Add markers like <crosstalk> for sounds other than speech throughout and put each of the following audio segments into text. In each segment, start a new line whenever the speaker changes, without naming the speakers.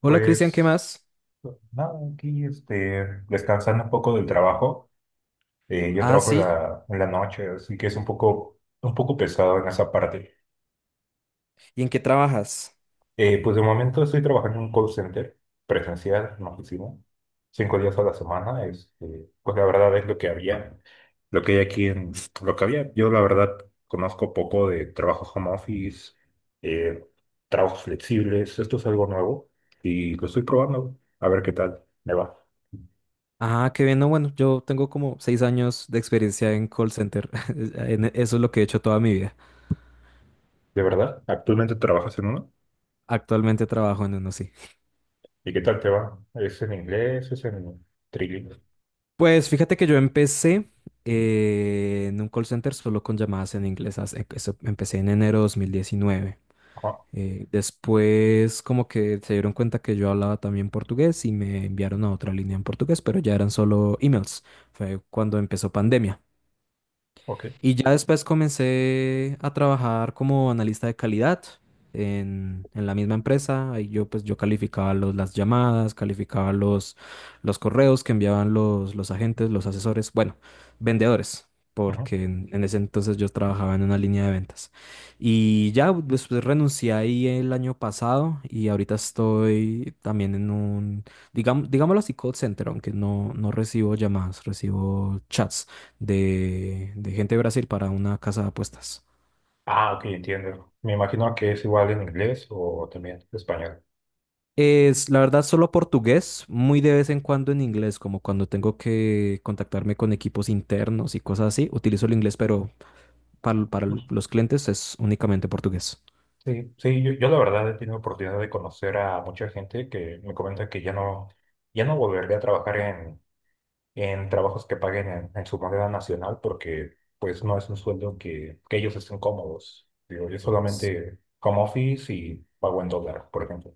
Hola Cristian, ¿qué
Pues
más?
nada, aquí descansando un poco del trabajo. Yo
Ah,
trabajo
sí.
en la noche, así que es un poco pesado en esa parte.
¿Y en qué trabajas?
Pues de momento estoy trabajando en un call center presencial, en oficina, cinco días a la semana. Pues la verdad es lo que había, lo que hay aquí en lo que había. Yo la verdad conozco poco de trabajo home office, eh, trabajos flexibles. Esto es algo nuevo y lo estoy probando a ver qué tal me va.
Ah, qué bien. No, bueno, yo tengo como seis años de experiencia en call center. <laughs> Eso es lo que he hecho toda mi vida.
¿De verdad? ¿Actualmente trabajas en uno?
Actualmente trabajo en uno, sí.
¿Y qué tal te va? ¿Es en inglés? ¿Es en trilingüe?
Pues fíjate que yo empecé en un call center solo con llamadas en inglés. Empecé en enero de 2019.
Ah,
Después como que se dieron cuenta que yo hablaba también portugués y me enviaron a otra línea en portugués, pero ya eran solo emails. Fue cuando empezó pandemia.
ok.
Y ya después comencé a trabajar como analista de calidad en la misma empresa. Ahí yo calificaba las llamadas, calificaba los correos que enviaban los agentes, los asesores, bueno, vendedores,
Ujú.
porque en ese entonces yo trabajaba en una línea de ventas. Y ya después renuncié ahí el año pasado y ahorita estoy también en un, digamos, digámoslo así, call center, aunque no, no recibo llamadas, recibo chats de gente de Brasil para una casa de apuestas.
Ah, ok, entiendo. Me imagino que es igual en inglés o también español.
Es, la verdad, solo portugués, muy de vez en cuando en inglés, como cuando tengo que contactarme con equipos internos y cosas así, utilizo el inglés, pero para
Ujú.
los clientes es únicamente portugués.
Sí, sí, yo la verdad he tenido oportunidad de conocer a mucha gente que me comenta que ya no, ya no volvería a trabajar en trabajos que paguen en su moneda nacional porque pues no es un sueldo que ellos estén cómodos. Digo, yo solamente home office y pago en dólar, por ejemplo.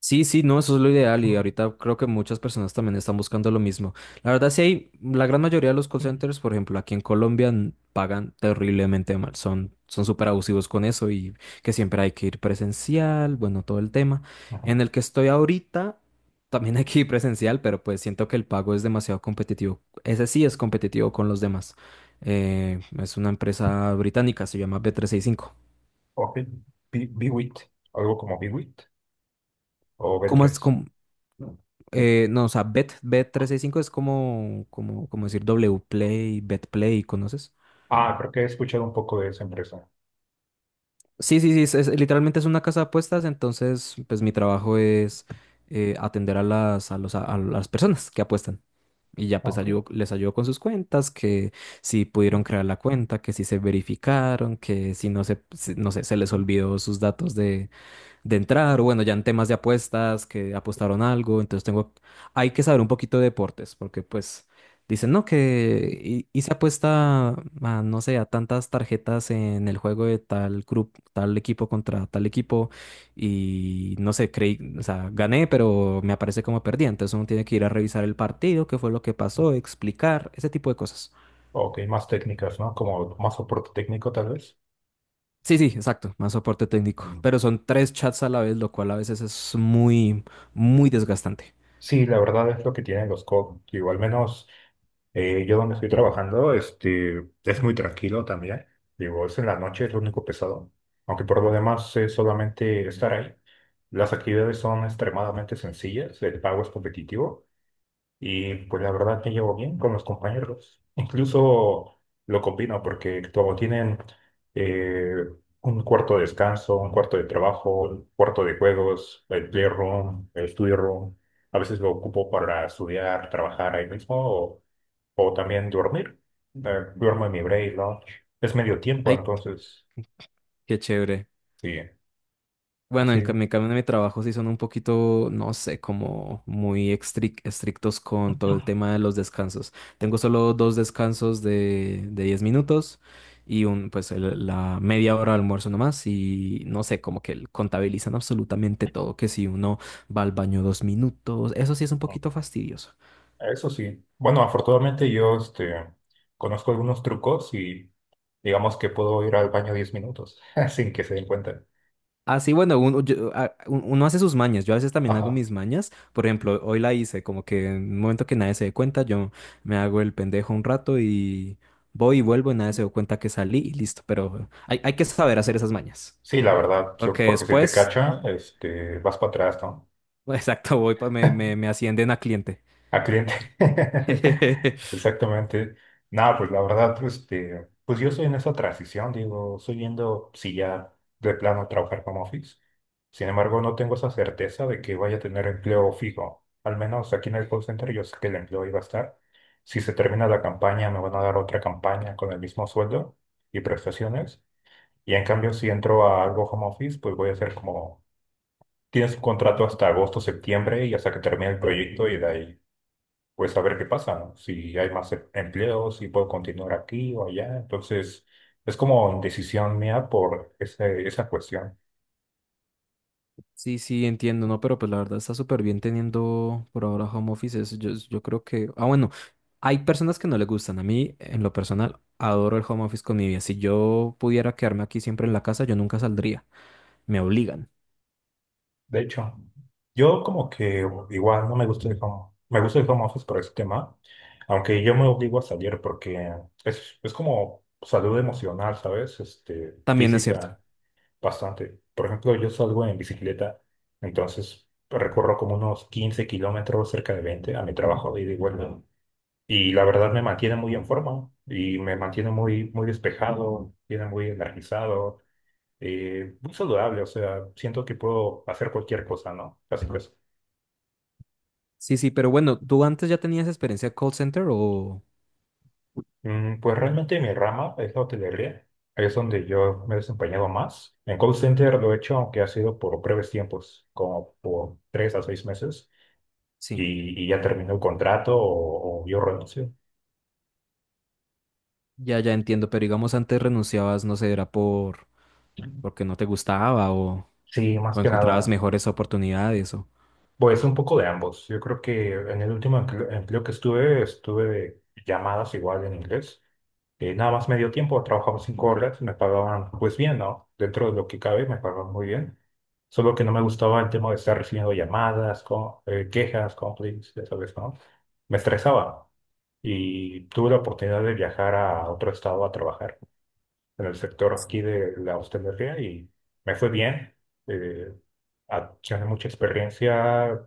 Sí, sí, no, eso es lo ideal y ahorita creo que muchas personas también están buscando lo mismo. La verdad, sí hay, la gran mayoría de los call
Ujú.
centers, por ejemplo, aquí en Colombia n- pagan terriblemente mal, son súper abusivos con eso y que siempre hay que ir presencial, bueno, todo el tema.
Ajá.
En el que estoy ahorita, también hay que ir presencial, pero pues siento que el pago es demasiado competitivo. Ese sí es competitivo con los demás. Es una empresa británica, se llama B365.
Ok. Biwit, algo como Biwit o b
¿Cómo es?
tres.
No, o sea, Bet, bet 365 es como, como, como decir Wplay, Betplay, ¿conoces?
Ah, creo que he escuchado un poco de esa empresa.
Sí, sí, sí, es- literalmente es una casa de apuestas, entonces pues mi trabajo es atender a a las personas que apuestan. Y ya pues
Ok.
les ayudo con sus cuentas, que si pudieron crear la cuenta, que si se verificaron, que si no se, si- no sé, se les olvidó sus datos de entrar, o bueno, ya en temas de apuestas, que apostaron algo, entonces tengo, hay que saber un poquito de deportes, porque pues dicen, no, que hice apuesta a, no sé, a tantas tarjetas en el juego de tal grupo, tal equipo contra tal equipo, y no sé, creí, o sea, gané, pero me aparece como perdí, entonces uno tiene que ir a revisar el partido, qué fue lo que pasó, explicar, ese tipo de cosas.
Ok, más técnicas, ¿no? Como más soporte técnico, tal vez.
Sí, sí, exacto, más soporte técnico,
Mm.
pero son tres chats a la vez, lo cual a veces es muy, muy desgastante.
Sí, la verdad es lo que tienen los COD. Digo, al menos yo donde estoy trabajando, es muy tranquilo también. Digo, es en la noche, es lo único pesado. Aunque por lo demás es solamente estar ahí. Las actividades son extremadamente sencillas, el pago es competitivo. Y pues la verdad me llevo bien con los compañeros. Incluso lo combino porque como tienen eh, un cuarto de descanso, un cuarto de trabajo, un cuarto de juegos, el playroom, el study room. A veces lo ocupo para estudiar, trabajar ahí mismo o también dormir. Duermo en mi break, ¿no? Es medio tiempo,
Hay
entonces
Qué chévere.
sí,
Bueno, en ca-
sí.
mi cambio de mi trabajo sí son un poquito, no sé, como muy estric- estrictos con todo el tema de los descansos. Tengo solo dos descansos de 10 minutos y un, pues el- la media hora de almuerzo nomás y no sé, como que contabilizan absolutamente todo, que si uno va al baño 2 minutos, eso sí es un poquito fastidioso.
Eso sí. Bueno, afortunadamente yo, conozco algunos trucos y digamos que puedo ir al baño 10 minutos <laughs> sin que se den cuenta.
Así bueno, uno hace sus mañas. Yo a veces también hago
Ajá.
mis mañas. Por ejemplo, hoy la hice, como que en un momento que nadie se dé cuenta, yo me hago el pendejo un rato y voy y vuelvo y nadie se dio cuenta que salí y listo. Pero hay que saber hacer esas mañas.
Sí, la verdad,
Porque
porque si te
después,
cacha, vas para atrás, ¿no?
<laughs> exacto, voy, me ascienden a cliente.
A cliente. <laughs>
<laughs>
Exactamente. No, pues la verdad, pues, pues yo estoy en esa transición, digo, estoy viendo si ya de plano trabajar como office. Sin embargo, no tengo esa certeza de que vaya a tener empleo fijo. Al menos aquí en el call center yo sé que el empleo iba a estar. Si se termina la campaña, me van a dar otra campaña con el mismo sueldo y prestaciones. Y en cambio, si entro a algo home office, pues voy a hacer como, tienes un contrato hasta agosto, septiembre y hasta que termine el proyecto y de ahí pues a ver qué pasa, ¿no? Si hay más empleo, si puedo continuar aquí o allá. Entonces, es como decisión mía por esa cuestión.
Sí, sí, entiendo, no, pero pues la verdad está súper bien teniendo por ahora home office. Yo creo que. Ah, bueno. Hay personas que no le gustan. A mí, en lo personal, adoro el home office con mi vida. Si yo pudiera quedarme aquí siempre en la casa, yo nunca saldría. Me obligan.
De hecho, yo como que igual no me gusta el home, me gusta el home office por ese tema, aunque yo me obligo a salir porque es como salud emocional, ¿sabes? Este,
También es cierto.
física, bastante. Por ejemplo, yo salgo en bicicleta, entonces recorro como unos 15 kilómetros, cerca de 20 a mi trabajo de ida y vuelta. Y la verdad me mantiene muy en forma y me mantiene muy despejado, tiene muy energizado, muy saludable. O sea, siento que puedo hacer cualquier cosa, ¿no? Así que,
Sí, sí, pero bueno, ¿tú antes ya tenías experiencia de call center o...?
mm, pues realmente mi rama es la hotelería. Es donde yo me he desempeñado más. En call center lo he hecho, aunque ha sido por breves tiempos, como por tres a seis meses,
Sí,
y ya terminó el contrato o yo renuncio.
ya entiendo, pero digamos antes renunciabas, no sé, era por... porque no te gustaba
Sí, más
o
que
encontrabas
nada.
mejores oportunidades o...
Pues un poco de ambos. Yo creo que en el último empleo que estuve, estuve de llamadas igual en inglés. Nada más medio tiempo, trabajaba 5 horas, me pagaban pues bien, ¿no? Dentro de lo que cabe, me pagaban muy bien. Solo que no me gustaba el tema de estar recibiendo llamadas, quejas, complaints, ya sabes, ¿no? Me estresaba y tuve la oportunidad de viajar a otro estado a trabajar en el sector aquí de la hostelería y me fue bien. Eh, Gané mucha experiencia.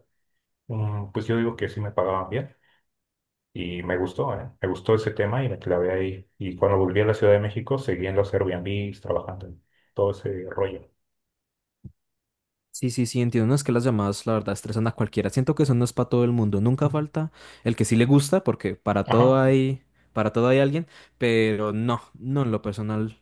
Mm, pues yo digo que sí me pagaban bien y me gustó, ¿eh? Me gustó ese tema y me clavé ahí. Y cuando volví a la Ciudad de México, seguí en los Airbnbs trabajando en todo ese rollo.
Sí, sí, sí, entiendo. No es que las llamadas, la verdad, estresan a cualquiera. Siento que eso no es para todo el mundo. Nunca
Ujú.
falta el que sí le gusta, porque
Ajá.
para todo hay alguien, pero no, no en lo personal.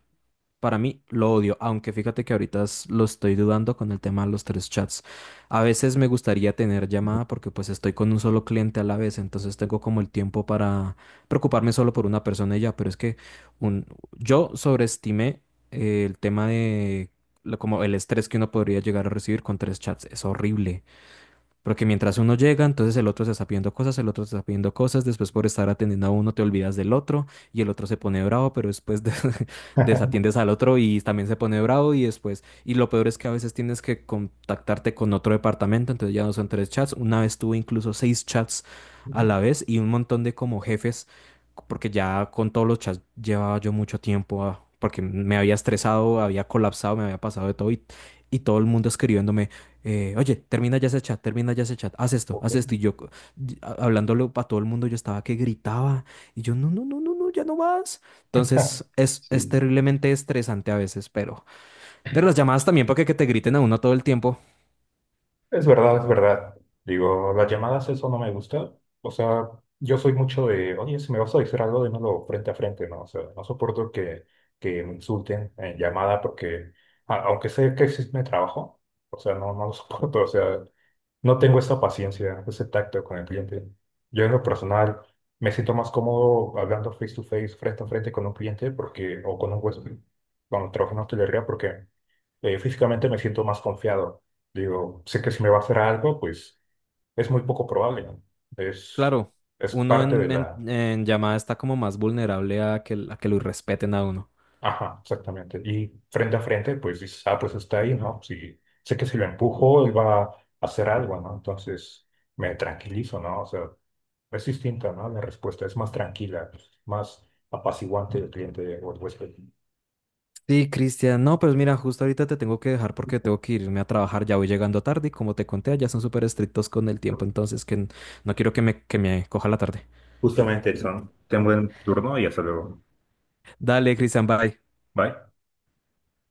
Para mí lo odio, aunque fíjate que ahorita lo estoy dudando con el tema de los tres chats. A veces me gustaría tener llamada porque pues estoy con un solo cliente a la vez, entonces tengo como el tiempo para preocuparme solo por una persona y ya, pero es que un, yo sobreestimé el tema de como el estrés que uno podría llegar a recibir con tres chats. Es horrible. Porque mientras uno llega, entonces el otro se está pidiendo cosas, el otro se está pidiendo cosas, después por estar atendiendo a uno te olvidas del otro y el otro se pone bravo, pero <laughs> desatiendes al otro y también se pone bravo y después, y lo peor es que a veces tienes que contactarte con otro departamento, entonces ya no son tres chats, una vez tuve incluso 6 chats a
Ujú.
la vez y un montón de como jefes, porque ya con todos los chats llevaba yo mucho tiempo, ah, porque me había estresado, había colapsado, me había pasado de todo y todo el mundo escribiéndome oye, termina ya ese chat, termina ya ese chat, haz esto,
Ok.
haz esto. Y yo, hablándolo para todo el mundo, yo estaba que gritaba y yo, no, no, no, no, no, ya no más. Entonces, es
Sí.
terriblemente estresante a veces, pero las llamadas también para que te griten a uno todo el tiempo.
Es verdad, es verdad. Digo, las llamadas, eso no me gusta. O sea, yo soy mucho de, oye, si me vas a decir algo, dímelo frente a frente, ¿no? O sea, no soporto que me insulten en llamada porque, aunque sé que existe mi trabajo, o sea, no, no lo <laughs> soporto, o sea. No tengo esa paciencia, ese tacto con el cliente. Yo en lo personal me siento más cómodo hablando face to face, frente a frente con un cliente porque, o con un huésped, cuando trabajo en hostelería porque físicamente me siento más confiado. Digo, sé que si me va a hacer algo, pues es muy poco probable, ¿no? Es,
Claro,
es
uno
parte de la...
en llamada está como más vulnerable a que lo respeten a uno.
Ajá, exactamente. Y frente a frente, pues dices, ah, pues está ahí, ¿no? Sí sé que si lo empujo, él va a hacer algo, ¿no? Entonces me tranquilizo, ¿no? O sea... Es distinta, ¿no? La respuesta es más tranquila, más apaciguante del cliente o el huésped.
Sí, Cristian, no, pues mira, justo ahorita te tengo que dejar porque tengo que irme a trabajar, ya voy llegando tarde y como te conté, ya son súper estrictos con el tiempo, entonces que n- no quiero que me coja la tarde.
Justamente eso. Ten buen turno y hasta luego.
Dale, Cristian, bye.
Bye.